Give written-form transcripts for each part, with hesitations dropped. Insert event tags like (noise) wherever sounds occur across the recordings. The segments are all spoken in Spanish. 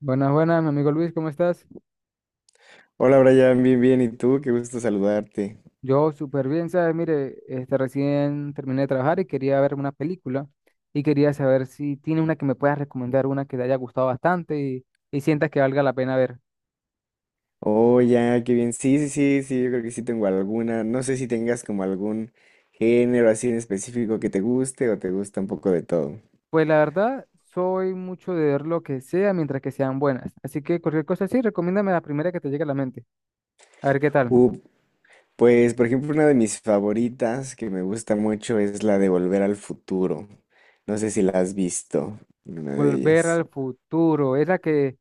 Buenas, buenas, mi amigo Luis, ¿cómo estás? Hola Brian, bien, bien, ¿y tú? Qué gusto saludarte. Yo súper bien, ¿sabes? Mire, recién terminé de trabajar y quería ver una película y quería saber si tiene una que me puedas recomendar, una que te haya gustado bastante y sientas que valga la pena ver. Oh, ya, qué bien. Sí, sí, sí, sí, yo creo que sí tengo alguna. No sé si tengas como algún género así en específico que te guste o te gusta un poco de todo. Pues la verdad, soy mucho de ver lo que sea mientras que sean buenas, así que cualquier cosa sí, recomiéndame la primera que te llegue a la mente. A ver qué tal. Uh, pues, por ejemplo, una de mis favoritas que me gusta mucho es la de Volver al Futuro. No sé si la has visto, una de Volver ellas. al futuro, es la que,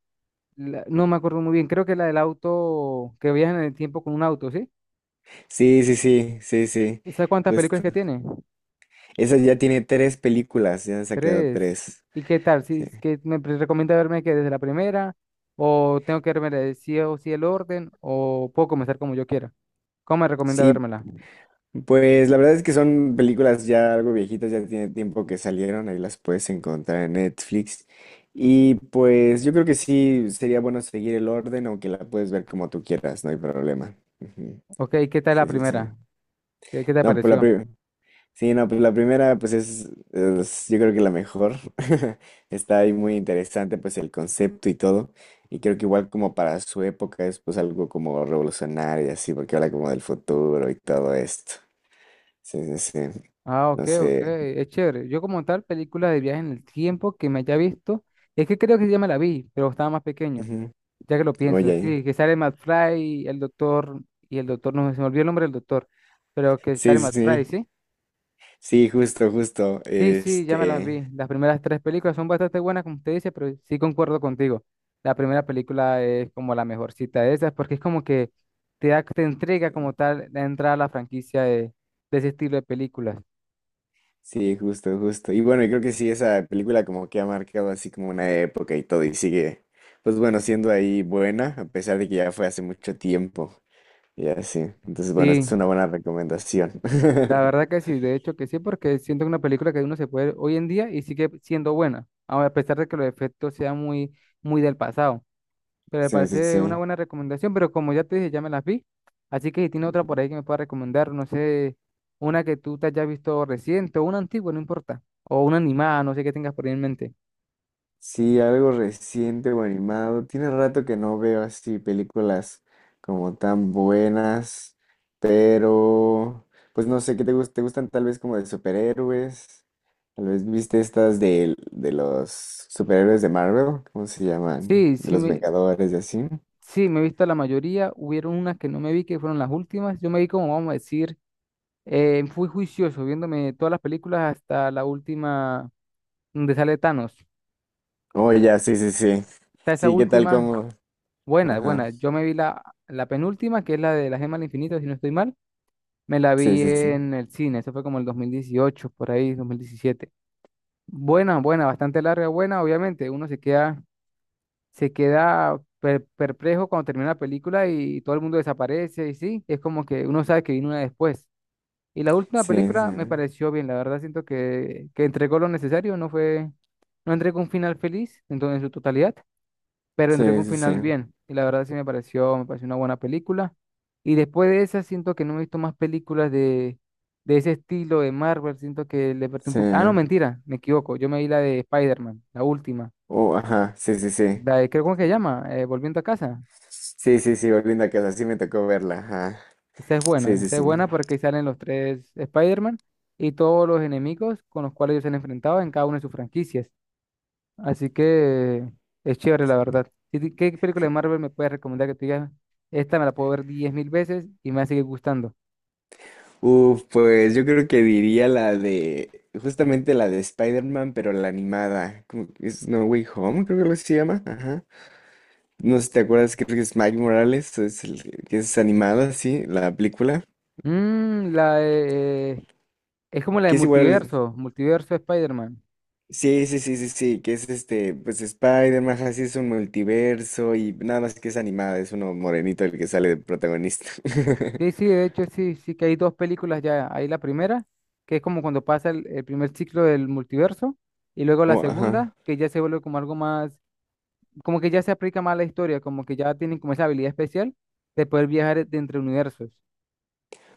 no me acuerdo muy bien, creo que la del auto, que viajan en el tiempo con un auto, ¿sí? Sí, sí, sí, sí, sí, ¿Sabes cuántas películas justo. que tiene? Esa ya tiene tres películas, ya han sacado Tres. tres. ¿Y qué tal? ¿Si Sí. es que me recomienda verme que desde la primera? ¿O tengo que verme de sí o sí el orden? ¿O puedo comenzar como yo quiera? ¿Cómo me recomienda Sí, vérmela? pues la verdad es que son películas ya algo viejitas, ya tiene tiempo que salieron, ahí las puedes encontrar en Netflix. Y pues yo creo que sí sería bueno seguir el orden, aunque la puedes ver como tú quieras, no hay problema. Ujú. Ok, ¿qué tal la Sí, sí, sí. primera? ¿Qué te No, pues la pareció? primera. Sí, no, pues la primera, pues es yo creo que la mejor. (laughs) Está ahí muy interesante, pues el concepto y todo. Y creo que igual como para su época es pues algo como revolucionario y así, porque habla como del futuro y todo esto. Sí, sí, sí. Ah, ok, No ok, sé. es chévere. Yo como tal, película de viaje en el tiempo que me haya visto, es que creo que sí ya me la vi, pero estaba más pequeño, Ujú. ya que lo pienso. Oye. Sí, que sale Matt Fry, el doctor, y el doctor, no se me olvidó el nombre del doctor, pero que Sí, sale sí, Matt Fry, sí. ¿sí? Sí, justo, justo. Sí, sí, ya me las Este. vi. Las primeras tres películas son bastante buenas, como usted dice, pero sí concuerdo contigo. La primera película es como la mejorcita de esas, porque es como que te da, te entrega como tal la entrada a la franquicia de ese estilo de películas. Sí, justo, justo. Y bueno, yo creo que sí, esa película como que ha marcado así como una época y todo, y sigue, pues bueno, siendo ahí buena, a pesar de que ya fue hace mucho tiempo. Y así. Entonces, bueno, Sí, es una buena recomendación. la verdad (laughs) que sí, de hecho que sí, porque siento que es una película que uno se puede ver hoy en día y sigue siendo buena, aun a pesar de que los efectos sean muy, muy del pasado. Pero me Sí, sí, parece sí. una buena recomendación, pero como ya te dije, ya me las vi. Así que si tiene otra por ahí que me pueda recomendar, no sé, una que tú te hayas visto reciente o una antigua, no importa. O una animada, no sé qué tengas por ahí en mente. Sí, algo reciente o animado. Tiene rato que no veo así películas como tan buenas, pero pues no sé, ¿qué te gustan? ¿Te gustan tal vez como de superhéroes? Tal vez viste estas de los superhéroes de Marvel, ¿cómo se llaman? Sí, De sí los me, Vengadores y así. sí, me he visto la mayoría. Hubieron unas que no me vi, que fueron las últimas. Yo me vi como, vamos a decir, fui juicioso viéndome todas las películas hasta la última donde sale Thanos. Oh, ya, sí, sí, sí. Está esa Sí, ¿qué tal última, como? buena, Ajá. buena. Yo me vi la penúltima, que es la de la gema del infinito, si no estoy mal. Me la Sí, vi sí, sí. en el cine, eso fue como el 2018, por ahí, 2017. Buena, buena, bastante larga, buena, obviamente. Uno se queda perplejo cuando termina la película y todo el mundo desaparece y sí, es como que uno sabe que vino una después. Y la última Sí, película me sí. pareció bien, la verdad siento que entregó lo necesario, no fue, no entregó un final feliz en en su totalidad, pero entré con Sí, un sí, sí. final bien. Y la verdad sí me pareció una buena película. Y después de esa siento que no he visto más películas de ese estilo de Marvel. Siento que le perdí un Sí. poco. Ah, no, mentira, me equivoco. Yo me vi la de Spider-Man, la última. Oh, ajá. Sí, sí, sí. La de, creo, ¿cómo es que se llama? Volviendo a casa. Sí, sí, sí, volviendo a casa, sí me tocó verla, ajá. Sí, sí, Esa es sí. buena porque ahí salen los tres Spider-Man y todos los enemigos con los cuales ellos se han enfrentado en cada una de sus franquicias. Así que es chévere, la verdad. Si ti- ¿Qué película de Marvel me puedes recomendar que te digas? Esta me la puedo ver 10.000 veces y me va a seguir gustando. Uf, pues yo creo que diría la de, justamente la de Spider-Man, pero la animada, como que es No Way Home, creo que lo así se llama, ajá. No sé si te acuerdas, creo que es Mike Morales, es el que es animada, sí, la película, Mm, la de- eh, es como la de que es igual, Multiverso, Multiverso de Spider-Man. sí, sí, sí, sí, sí, que es este, pues Spider-Man, ajá, sí es un multiverso y nada más que es animada, es uno morenito el que sale de protagonista. Sí, (laughs) sí, de hecho, sí, sí que hay dos películas ya. Hay la primera, que es como cuando pasa el primer ciclo del multiverso, y luego la Oh, segunda, ajá. que ya se vuelve como algo más, como que ya se aplica más a la historia, como que ya tienen como esa habilidad especial de poder viajar de entre universos.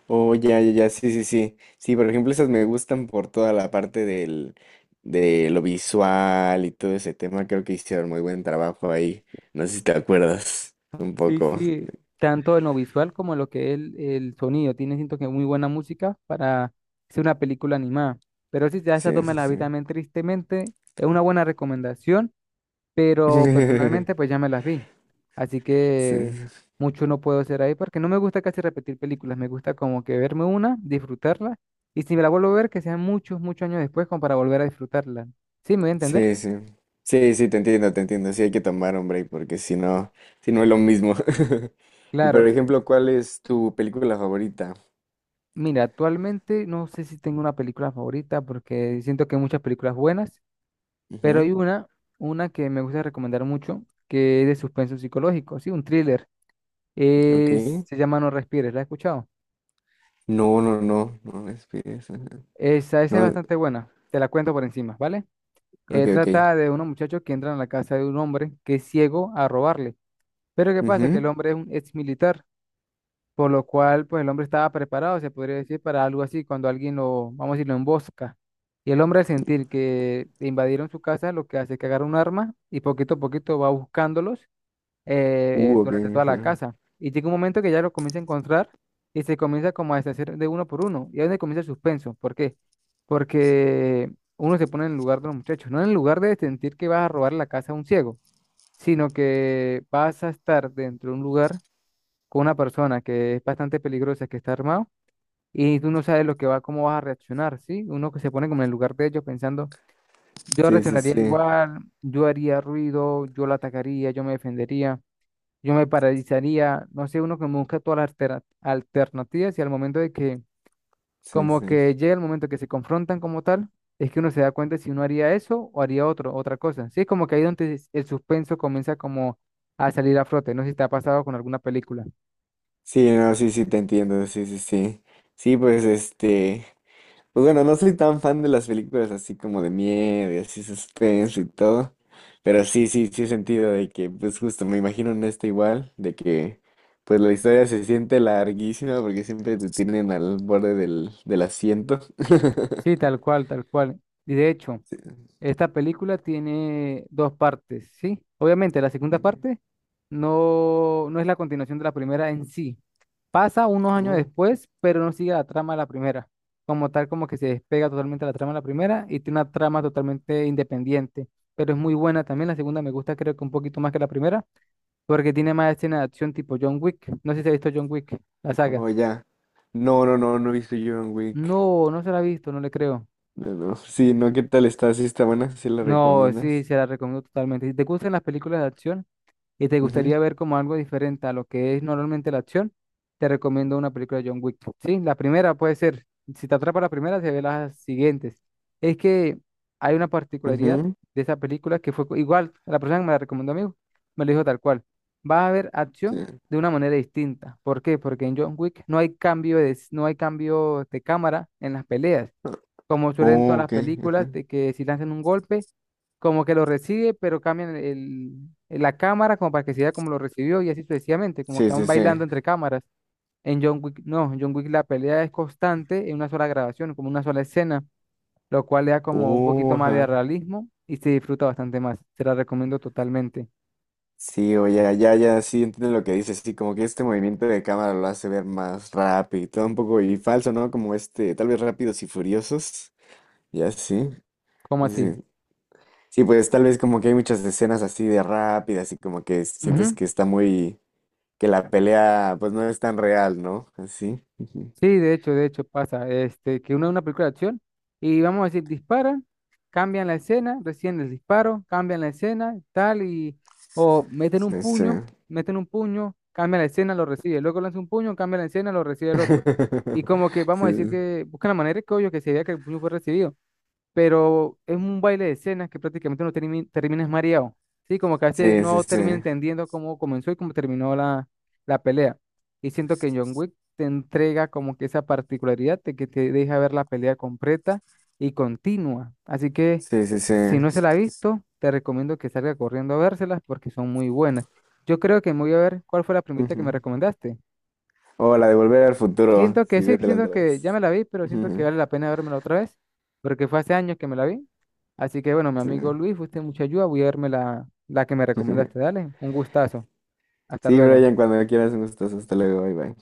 Oh, ya, ya, ya, sí, sí, sí. Sí, por ejemplo, esas me gustan por toda la parte del, de lo visual y todo ese tema. Creo que hicieron muy buen trabajo ahí. No sé si te acuerdas un Sí, poco. sí, tanto en lo visual como en lo que es el sonido. Tiene, siento que muy buena música para ser una película animada. Pero sí, ya esa dos Sí, me sí, las vi sí. también, tristemente. Es una buena recomendación, pero personalmente (laughs) pues ya me las vi. Así Sí, que mucho no puedo hacer ahí porque no me gusta casi repetir películas. Me gusta como que verme una, disfrutarla. Y si me la vuelvo a ver, que sean muchos, muchos años después como para volver a disfrutarla. ¿Sí me voy a entender? sí, sí. Sí, sí, te entiendo, te entiendo. Sí, hay que tomar un break porque si no, si no es lo mismo. (laughs) Y por Claro. ejemplo, ¿cuál es tu película favorita? Mira, actualmente no sé si tengo una película favorita porque siento que hay muchas películas buenas, pero Ujú, hay una que me gusta recomendar mucho, que es de suspenso psicológico, sí, un thriller. Es- ok. se llama No Respires, ¿la has escuchado? No, no, no, no me inspires, ajá. Esa es No, bastante buena, te la cuento por encima, ¿vale? ok, ok. Trata de unos muchachos que entran a la casa de un hombre que es ciego a robarle, pero ¿qué pasa? Que el hombre es un ex militar. Por lo cual, pues el hombre estaba preparado, se podría decir, para algo así, cuando alguien lo, vamos a decir, lo embosca. Y el hombre al sentir que invadieron su casa, lo que hace es que agarra un arma y poquito a poquito va buscándolos Uh, ok. durante toda la Ajá. casa. Y llega un momento que ya lo comienza a encontrar y se comienza como a deshacer de uno por uno. Y ahí es donde comienza el suspenso. ¿Por qué? Porque uno se pone en el lugar de los muchachos, no en el lugar de sentir que vas a robar la casa a un ciego, sino que vas a estar dentro de un lugar con una persona que es bastante peligrosa, que está armado, y tú no sabes lo que va, cómo vas a reaccionar, ¿sí? Uno que se pone como en el lugar de ellos pensando, yo Sí, sí, reaccionaría sí. igual, yo haría ruido, yo la atacaría, yo me defendería, yo me paralizaría, no sé, uno que busca todas las alternativas y al momento de que, Sí, como sí. que llega el momento que se confrontan como tal, es que uno se da cuenta si uno haría eso o haría otro, otra cosa, ¿sí? Es como que ahí donde el suspenso comienza como a salir a flote, no sé si te ha pasado con alguna película. Sí, no, sí, sí, te entiendo. Sí, sí, sí. Sí, pues este. Pues bueno, no soy tan fan de las películas así como de miedo y así suspenso y todo. Pero sí, sí, sí he sentido de que, pues justo, me imagino en esta igual, de que pues la historia se siente larguísima porque siempre te tienen al borde del asiento. Sí, (laughs) tal cual, tal cual. Y de hecho, Sí. esta película tiene dos partes, ¿sí? Obviamente, la segunda parte no, no es la continuación de la primera en sí. Pasa unos años Uh, después, pero no sigue la trama de la primera. Como tal, como que se despega totalmente la trama de la primera y tiene una trama totalmente independiente. Pero es muy buena también. La segunda me gusta, creo que un poquito más que la primera, porque tiene más escenas de acción tipo John Wick. No sé si se ha visto John Wick, la saga. oh, ya. No, no, no, no he visto John Wick. No, no se la ha visto, no le creo. No, no. Sí, no, ¿qué tal está? Sí, está buena, sí la No, sí, recomiendas. se la recomiendo totalmente. Si te gustan las películas de acción y te Ujú, gustaría ver como algo diferente a lo que es normalmente la acción, te recomiendo una película de John Wick. Sí, la primera puede ser, si te atrapa la primera, se ve las siguientes. Es que hay una particularidad ujú, de esa película que fue igual, la persona que me la recomendó a mí, me lo dijo tal cual. Vas a ver acción sí. de una manera distinta. ¿Por qué? Porque en John Wick no hay cambio de cámara en las peleas, como suelen todas Oh, las ok. películas Ajá. de que si lanzan un golpe como que lo recibe, pero cambian la cámara como para que se vea como lo recibió y así sucesivamente, como Sí, que van sí, sí. bailando entre cámaras. En John Wick, no, en John Wick la pelea es constante en una sola grabación, como una sola escena, lo cual le da como un poquito Oh, más de ajá. realismo y se disfruta bastante más. Te la recomiendo totalmente. Sí, o ya, ya, ya, sí, entiendo lo que dices. Sí, como que este movimiento de cámara lo hace ver más rápido y todo un poco y falso, ¿no? Como este, tal vez rápidos y furiosos. Ya, sí. ¿Cómo Sí. así? Sí, pues tal vez como que hay muchas escenas así de rápidas y como que sientes Ujú. que está muy, que la pelea pues no es tan real, ¿no? Así. Ujú, Sí, de hecho pasa, que uno ve una película de acción y vamos a decir, disparan, cambian la escena, recién el disparo, cambian la escena, tal, y, o sí, sí. Meten un puño, cambian la escena, lo recibe, luego lanza un puño, cambia la escena, lo recibe el otro. Y (laughs) como que vamos Sí, a decir que buscan la manera que obvio que se vea que el puño fue recibido pero es un baile de escenas que prácticamente no terminas mareado. Sí, como que a veces sí, sí, no sí, termina entendiendo cómo comenzó y cómo terminó la pelea. Y siento que John Wick te entrega como que esa particularidad de que te deja ver la pelea completa y continua. Así que sí, sí, sí. si no se la ha visto, te recomiendo que salga corriendo a vérselas porque son muy buenas. Yo creo que me voy a ver cuál fue la primita que me Ujú. recomendaste. O la de Volver al Futuro, Siento que sí, sí, vete las siento que tres. ya me la vi, pero siento que Ujú, vale la pena vérmela otra vez, porque fue hace años que me la vi. Así que bueno, mi sí. amigo Luis, fuiste de mucha ayuda, voy a verme la que me recomendaste. (laughs) Dale, un gustazo. Hasta Sí, luego. Brian, cuando quieras, un gustazo, hasta luego, bye bye.